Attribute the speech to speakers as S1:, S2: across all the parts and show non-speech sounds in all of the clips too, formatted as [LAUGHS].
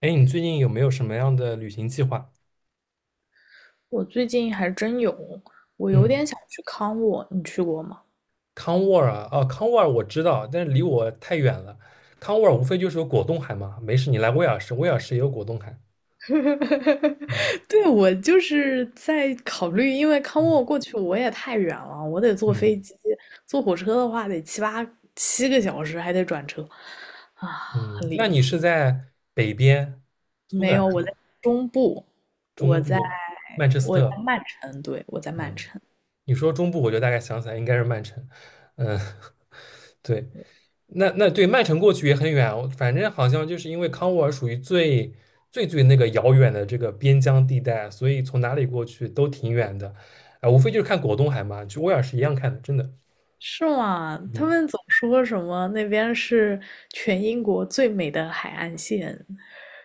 S1: 哎，你最近有没有什么样的旅行计划？
S2: 我最近还真有，我
S1: 嗯，
S2: 有点
S1: 嗯。
S2: 想去康沃，你去过吗？
S1: 康沃尔啊，哦，康沃尔我知道，但是离我太远了。康沃尔无非就是有果冻海嘛，没事，你来威尔士，威尔士也有果冻海。嗯
S2: [LAUGHS] 对，我就是在考虑，因为康
S1: 嗯
S2: 沃过去我也太远了，我得坐飞
S1: 嗯，
S2: 机，坐火车的话得七个小时，还得转车，啊，
S1: 嗯，
S2: 很离
S1: 那你
S2: 谱。
S1: 是在北边，苏格
S2: 没
S1: 兰
S2: 有，我在中部，我
S1: 中
S2: 在
S1: 部曼彻斯
S2: 我在
S1: 特？
S2: 曼城，对，我在曼
S1: 嗯，
S2: 城。
S1: 你说中部，我就大概想起来应该是曼城。嗯，[LAUGHS] 对。那对曼城过去也很远，反正好像就是因为康沃尔属于最那个遥远的这个边疆地带，所以从哪里过去都挺远的，啊、无非就是看果冻海嘛，去威尔士一样看的，真的，
S2: 是吗？他
S1: 嗯，
S2: 们总说什么那边是全英国最美的海岸线，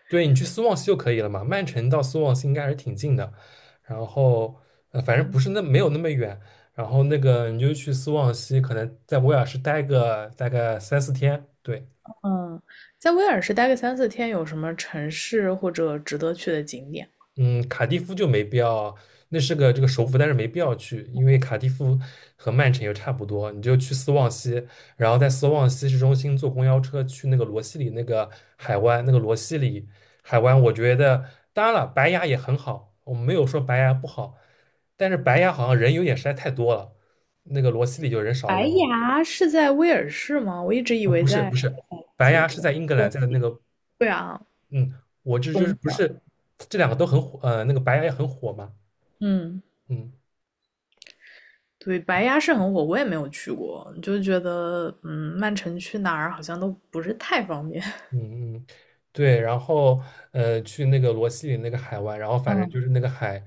S1: 对你去斯旺西就可以了嘛，曼城到斯旺西应该还是挺近的，然后反正不是那没有那么远，然后那个你就去斯旺西，可能在威尔士待个大概三四天，对，
S2: 嗯，在威尔士待个三四天，有什么城市或者值得去的景点？
S1: 嗯，卡蒂夫就没必要，那是个这个首府，但是没必要去，因为卡蒂夫和曼城又差不多，你就去斯旺西，然后在斯旺西市中心坐公交车去那个罗西里那个海湾，那个罗西里海湾，我觉得当然了，白牙也很好，我没有说白牙不好，但是白牙好像人有点实在太多了，那个罗西里就人少一
S2: 白
S1: 点。
S2: 崖是在威尔士吗？我一直以
S1: 哦，
S2: 为
S1: 不是
S2: 在
S1: 不
S2: 什
S1: 是，
S2: 么
S1: 白
S2: 有
S1: 牙是
S2: 东
S1: 在英格兰，
S2: 东，
S1: 在那个
S2: 对啊，
S1: 嗯，我这就是
S2: 东
S1: 不
S2: 边儿。
S1: 是这两个都很火，那个白牙也很火嘛，
S2: 嗯，
S1: 嗯。
S2: 对，白崖是很火，我也没有去过，就觉得嗯，曼城去哪儿好像都不是太方便。
S1: 嗯嗯，对，然后去那个罗西里那个海湾，然后反正就
S2: 嗯，
S1: 是那个海，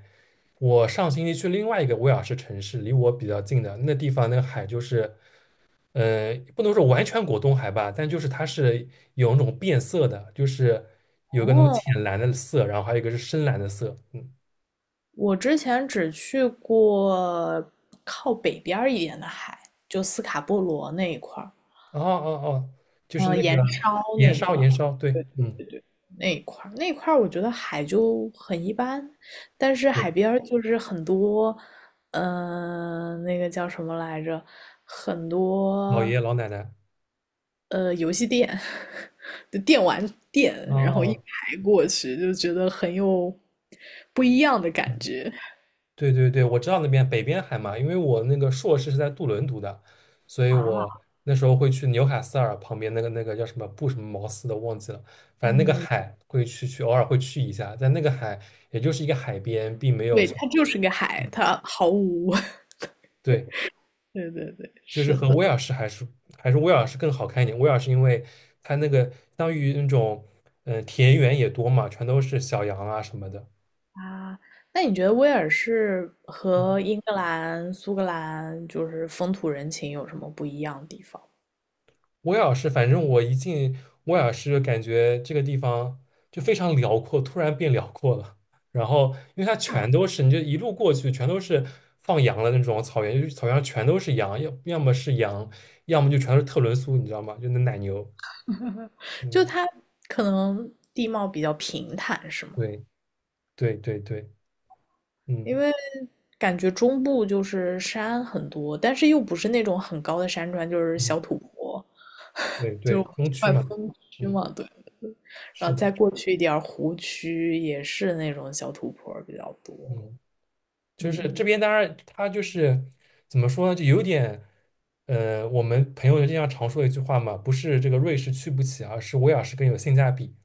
S1: 我上星期去另外一个威尔士城市，离我比较近的那地方，那个海就是，不能说完全果冻海吧，但就是它是有那种变色的，就是有个那种
S2: [LAUGHS] 哦，
S1: 浅蓝的色，然后还有一个是深蓝的色，嗯，
S2: 我之前只去过靠北边儿一点的海，就斯卡波罗那一块儿，
S1: 哦哦哦，就是那
S2: 盐
S1: 个
S2: 烧
S1: 盐
S2: 那一
S1: 烧
S2: 块儿。
S1: 盐烧，对，嗯，
S2: 那一块儿我觉得海就很一般，但是海
S1: 对，
S2: 边儿就是很多，呃，那个叫什么来着？很
S1: 老爷
S2: 多
S1: 爷老奶奶，
S2: 游戏店 [LAUGHS] 的电玩
S1: 哦
S2: 店，然后一
S1: 哦。
S2: 排过去，就觉得很有不一样的感
S1: 嗯
S2: 觉。
S1: 对对对，我知道那边北边海嘛，因为我那个硕士是在杜伦读的，所以我
S2: 啊，
S1: 那时候会去纽卡斯尔旁边那个叫什么布什么茅斯的忘记了，反正那个
S2: 嗯，
S1: 海会去偶尔会去一下，在那个海也就是一个海边，并没有
S2: 对，
S1: 什么，
S2: 它就是个海，
S1: 嗯
S2: 它毫无。[LAUGHS]
S1: 对，
S2: 对对对，
S1: 就是
S2: 是
S1: 和
S2: 的。
S1: 威尔士还是威尔士更好看一点。威尔士因为它那个相当于那种田园也多嘛，全都是小羊啊什么的。
S2: 啊，那你觉得威尔士和
S1: 嗯
S2: 英格兰、苏格兰就是风土人情有什么不一样的地方？
S1: 威尔士，反正我一进威尔士，感觉这个地方就非常辽阔，突然变辽阔了。然后，因为它
S2: 啊？
S1: 全都是，你就一路过去，全都是放羊的那种草原，就是草原上全都是羊，要么是羊，要么就全都是特仑苏，你知道吗？就那奶牛。
S2: 就
S1: 嗯，
S2: 它可能地貌比较平坦，是吗？
S1: 对对对对，
S2: 因
S1: 嗯
S2: 为感觉中部就是山很多，但是又不是那种很高的山川，就是
S1: 嗯，
S2: 小土坡，
S1: 对
S2: 就
S1: 对，
S2: 是
S1: 东区
S2: 快
S1: 嘛，
S2: 峰区
S1: 嗯，
S2: 嘛，对。然
S1: 是
S2: 后
S1: 的，
S2: 再过去一点儿湖区也是那种小土坡比较多，
S1: 嗯。就是这
S2: 嗯。
S1: 边当然他就是怎么说呢，就有点，我们朋友经常说的一句话嘛，不是这个瑞士去不起啊，而是威尔士更有性价比。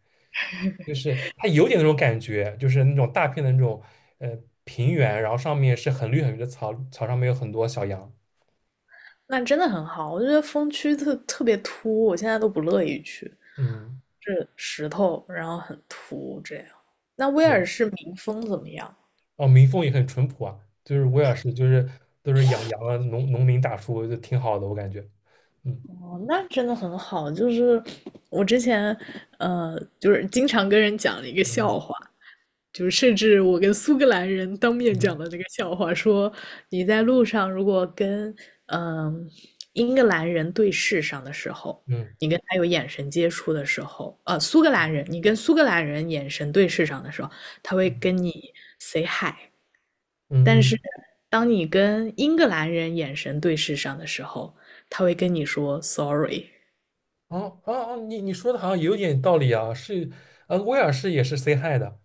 S1: 就是它有点那种感觉，就是那种大片的那种呃平原，然后上面是很绿很绿的草，草上面有很多小羊。
S2: 那真的很好，我觉得风区特别秃，我现在都不乐意去，
S1: 嗯，
S2: 是石头，然后很秃这样。那威
S1: 对，
S2: 尔士民风怎么样？
S1: 哦，民风也很淳朴啊，就是威尔士就是都是养羊啊，农民大叔就挺好的，我感觉。嗯
S2: 哦，那真的很好。就是我之前，呃，就是经常跟人讲了一个笑
S1: 嗯
S2: 话，就是甚至我跟苏格兰人当面
S1: 嗯嗯
S2: 讲的这个笑话，说你在路上如果跟嗯、呃英格兰人对视上的时候，
S1: 嗯
S2: 你跟他有眼神接触的时候，呃，苏格兰人，你跟苏格兰人眼神对视上的时候，他会
S1: 嗯
S2: 跟
S1: 嗯
S2: 你 say hi，但
S1: 嗯。
S2: 是
S1: 嗯
S2: 当你跟英格兰人眼神对视上的时候，他会跟你说 sorry。
S1: 哦哦哦，你说的好像有点道理啊，是，威尔士也是 say hi 的，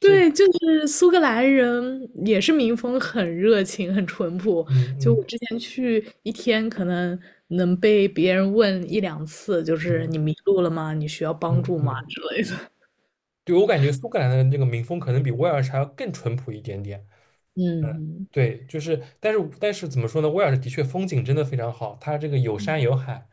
S1: 这个，
S2: 对，就是苏格兰人也是民风很热情、很淳朴。
S1: 嗯
S2: 就我
S1: 嗯
S2: 之前去一天，可能能被别人问一两次，就是你
S1: 嗯
S2: 迷路了吗？你需要
S1: 嗯
S2: 帮助吗？
S1: 嗯，
S2: 之类的。
S1: 对，我感觉苏格兰的那个民风可能比威尔士还要更淳朴一点点，
S2: 嗯，
S1: 对，就是，但是怎么说呢，威尔士的确风景真的非常好，它这个有山有海，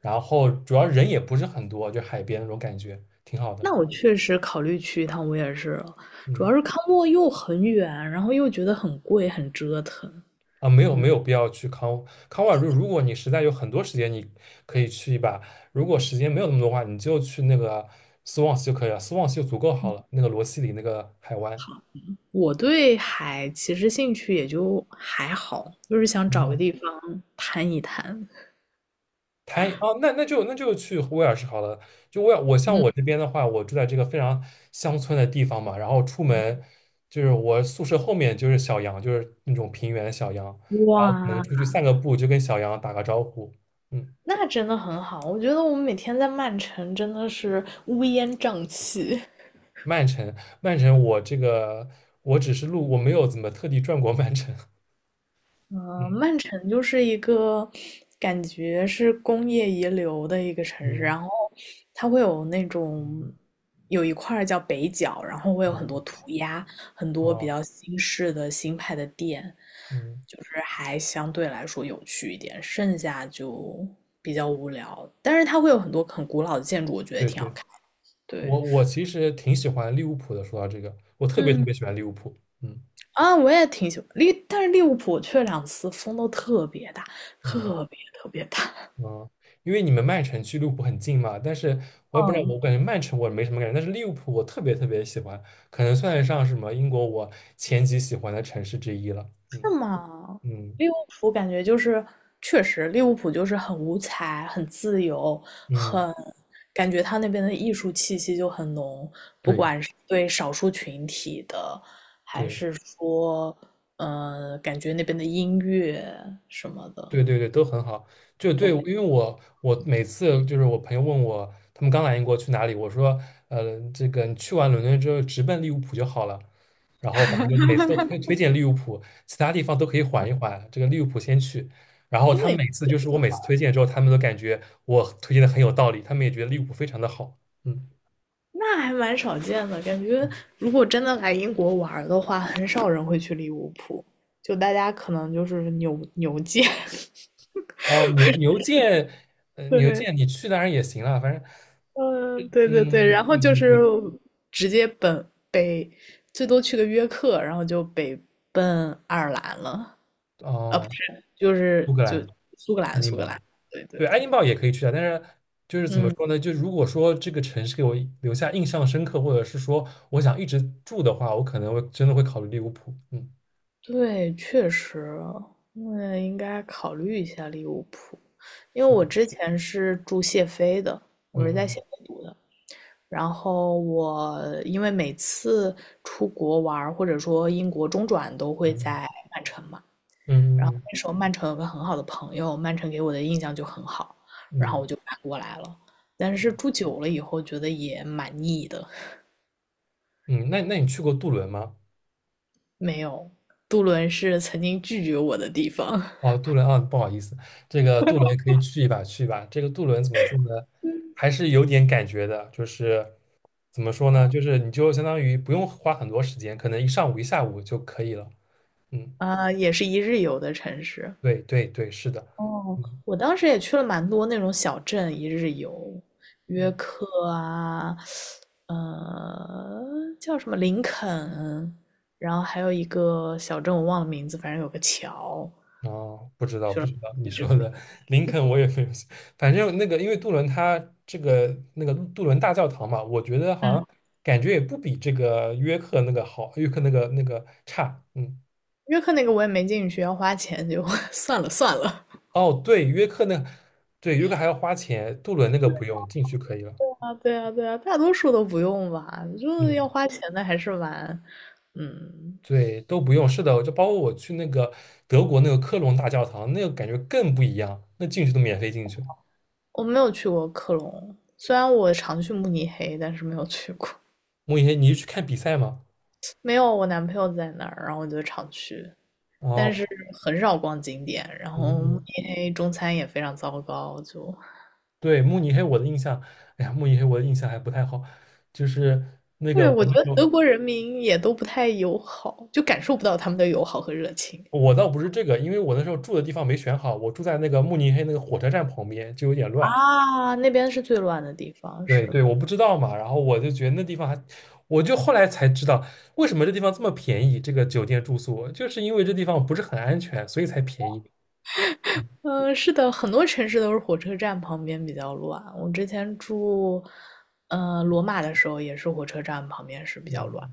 S1: 然后主要人也不是很多，就海边那种感觉，挺好的，
S2: 那我确实考虑去一趟威尔士了，主
S1: 嗯。
S2: 要是康沃又很远，然后又觉得很贵，很折腾。
S1: 啊，没有必要去康沃尔，瑞。如果你实在有很多时间，你可以去一把；如果时间没有那么多的话，你就去那个斯旺 a 就可以了。斯旺 a 就足够好了，那个罗西里那个海湾。
S2: 我对海其实兴趣也就还好，就是想找个
S1: 哦，
S2: 地方探一探。
S1: 它哦，那就去威尔士好了。就威尔，
S2: 嗯，
S1: 我这边的话，我住在这个非常乡村的地方嘛，然后出门就是我宿舍后面就是小羊，就是那种平原的小羊，然后可能
S2: 哇，
S1: 出去散个步，就跟小羊打个招呼。嗯。
S2: 那真的很好，我觉得我们每天在曼城真的是乌烟瘴气。
S1: 曼城，曼城，我这个我只是路，我没有怎么特地转过曼城。[LAUGHS]
S2: 嗯，
S1: 嗯
S2: 曼城就是一个感觉是工业遗留的一个城市，
S1: 嗯
S2: 然后它会有那种有一块儿叫北角，然后会有很多
S1: 嗯，
S2: 涂鸦，很多比
S1: 哦，
S2: 较新式的新派的店，
S1: 嗯，
S2: 就是还相对来说有趣一点，剩下就比较无聊。但是它会有很多很古老的建筑，我觉得也
S1: 对
S2: 挺好
S1: 对，
S2: 看。对，
S1: 我其实挺喜欢利物浦的。说到这个，我特别特
S2: 嗯。
S1: 别喜欢利物浦。嗯
S2: 啊，我也挺喜欢利，但是利物浦去了两次风都特别大，
S1: 嗯
S2: 特别大。
S1: 嗯，因为你们曼城距利物浦很近嘛，但是我也不知道，
S2: 嗯，
S1: 我感觉曼城我没什么感觉，但是利物浦我特别特别喜欢，可能算得上什么英国我前几喜欢的城市之一了。嗯
S2: 是吗？
S1: 嗯
S2: 利物浦感觉就是，确实利物浦就是很五彩、很自由、
S1: 嗯，
S2: 很感觉他那边的艺术气息就很浓，
S1: 对
S2: 对少数群体的，还
S1: 对。
S2: 是说，呃，感觉那边的音乐什么的，
S1: 对对对，都很好。就对，
S2: 我
S1: 因
S2: 们
S1: 为我每次就是我朋友问我，他们刚来英国去哪里，我说，这个你去完伦敦之后直奔利物浦就好了。然后反正就每次都推荐利物浦，其他地方都可以缓一缓，这个利物浦先去。然后
S2: 真
S1: 他
S2: 的
S1: 们
S2: 也
S1: 每次就是我每次推荐之后，他们都感觉我推荐的很有道理，他们也觉得利物浦非常的好。嗯，
S2: 那还蛮少见的，感觉如果真的来英国玩儿的话，很少人会去利物浦，就大家可能就是牛牛街，[LAUGHS]
S1: 哦，牛牛剑，牛
S2: 对，
S1: 剑你去当然也行了，反正，
S2: 嗯，对对对，然
S1: 嗯，
S2: 后
S1: 对
S2: 就
S1: 对
S2: 是
S1: 对，
S2: 直接本北，最多去个约克，然后就北奔爱尔兰了，啊，不
S1: 哦，
S2: 是，就
S1: 苏
S2: 是
S1: 格
S2: 就
S1: 兰，
S2: 苏格
S1: 爱
S2: 兰，
S1: 丁
S2: 苏格兰，
S1: 堡。
S2: 对对
S1: 对，爱
S2: 对，
S1: 丁堡也可以去啊，但是就是怎么
S2: 嗯。
S1: 说呢？就如果说这个城市给我留下印象深刻，或者是说我想一直住的话，我可能会真的会考虑利物浦。嗯，
S2: 对，确实，那应该考虑一下利物浦，因为
S1: 是
S2: 我
S1: 的，
S2: 之前是住谢菲的，我是在
S1: 嗯
S2: 谢菲读的。然后我因为每次出国玩儿或者说英国中转都会
S1: 嗯
S2: 在曼城嘛，
S1: 嗯
S2: 然
S1: 嗯
S2: 后
S1: 嗯
S2: 那时候曼城有个很好的朋友，曼城给我的印象就很好，然
S1: 嗯，
S2: 后
S1: 嗯
S2: 我就搬过来了。但是住久了以后，觉得也蛮腻的，
S1: 嗯那你去过杜伦吗？
S2: 没有，杜伦是曾经拒绝我的地方。
S1: 哦，杜伦啊，不好意思，这个杜伦可以去一把去一把。这个杜伦怎么说呢？还是有点感觉的，就是怎么说呢？就
S2: [LAUGHS]
S1: 是你就相当于不用花很多时间，可能一上午一下午就可以了。嗯，
S2: 啊，也是一日游的城市。
S1: 对对对，是的。
S2: 哦，
S1: 嗯。
S2: 我当时也去了蛮多那种小镇一日游，约
S1: 嗯
S2: 克啊，呃，叫什么林肯，然后还有一个小镇我忘了名字，反正有个桥，
S1: 哦，不知道，不知道你
S2: 就这
S1: 说
S2: 种。
S1: 的林肯我也没有，反正那个因为杜伦他这个那个杜伦大教堂嘛，我觉得好像
S2: 嗯，
S1: 感觉也不比这个约克那个好，约克那个差，嗯，
S2: 约克那个我也没进去，要花钱就 [LAUGHS] 算了算了。
S1: 哦，对，约克那，对，约克还要花钱，杜伦那个不用，进去可以了，
S2: 啊，对啊，对啊，大多数都不用吧，就是要
S1: 嗯，
S2: 花钱的还是蛮，嗯，
S1: 对，都不用，是的，就包括我去那个德国那个科隆大教堂，那个感觉更不一样，那进去都免费进去，
S2: 我没有去过克隆，虽然我常去慕尼黑，但是没有去过。
S1: 莫言，你是去看比赛吗？
S2: [LAUGHS] 没有，我男朋友在那儿，然后我就常去，但
S1: 哦，
S2: 是很少逛景点。然
S1: 嗯
S2: 后慕
S1: 嗯
S2: 尼黑中餐也非常糟糕，就
S1: 对，慕尼黑，我的印象，哎呀，慕尼黑我的印象还不太好，就是那个
S2: 对
S1: 我
S2: 我觉
S1: 那
S2: 得
S1: 时候，
S2: 德国人民也都不太友好，就感受不到他们的友好和热情。
S1: 我倒不是这个，因为我那时候住的地方没选好，我住在那个慕尼黑那个火车站旁边，就有点乱。
S2: 啊。那边是最乱的地方，
S1: 对
S2: 是
S1: 对，
S2: 的。
S1: 我不知道嘛，然后我就觉得那地方还，我就后来才知道为什么这地方这么便宜，这个酒店住宿，就是因为这地方不是很安全，所以才便宜。嗯
S2: 嗯，是的，很多城市都是火车站旁边比较乱。我之前住，呃，罗马的时候也是火车站旁边是比较
S1: 嗯
S2: 乱。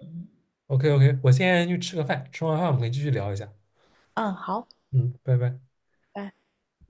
S2: 嗯
S1: ，OK OK，我现在去吃个饭，吃完饭我们可以继续聊一下。
S2: 嗯，好，
S1: 嗯，拜拜。
S2: 拜。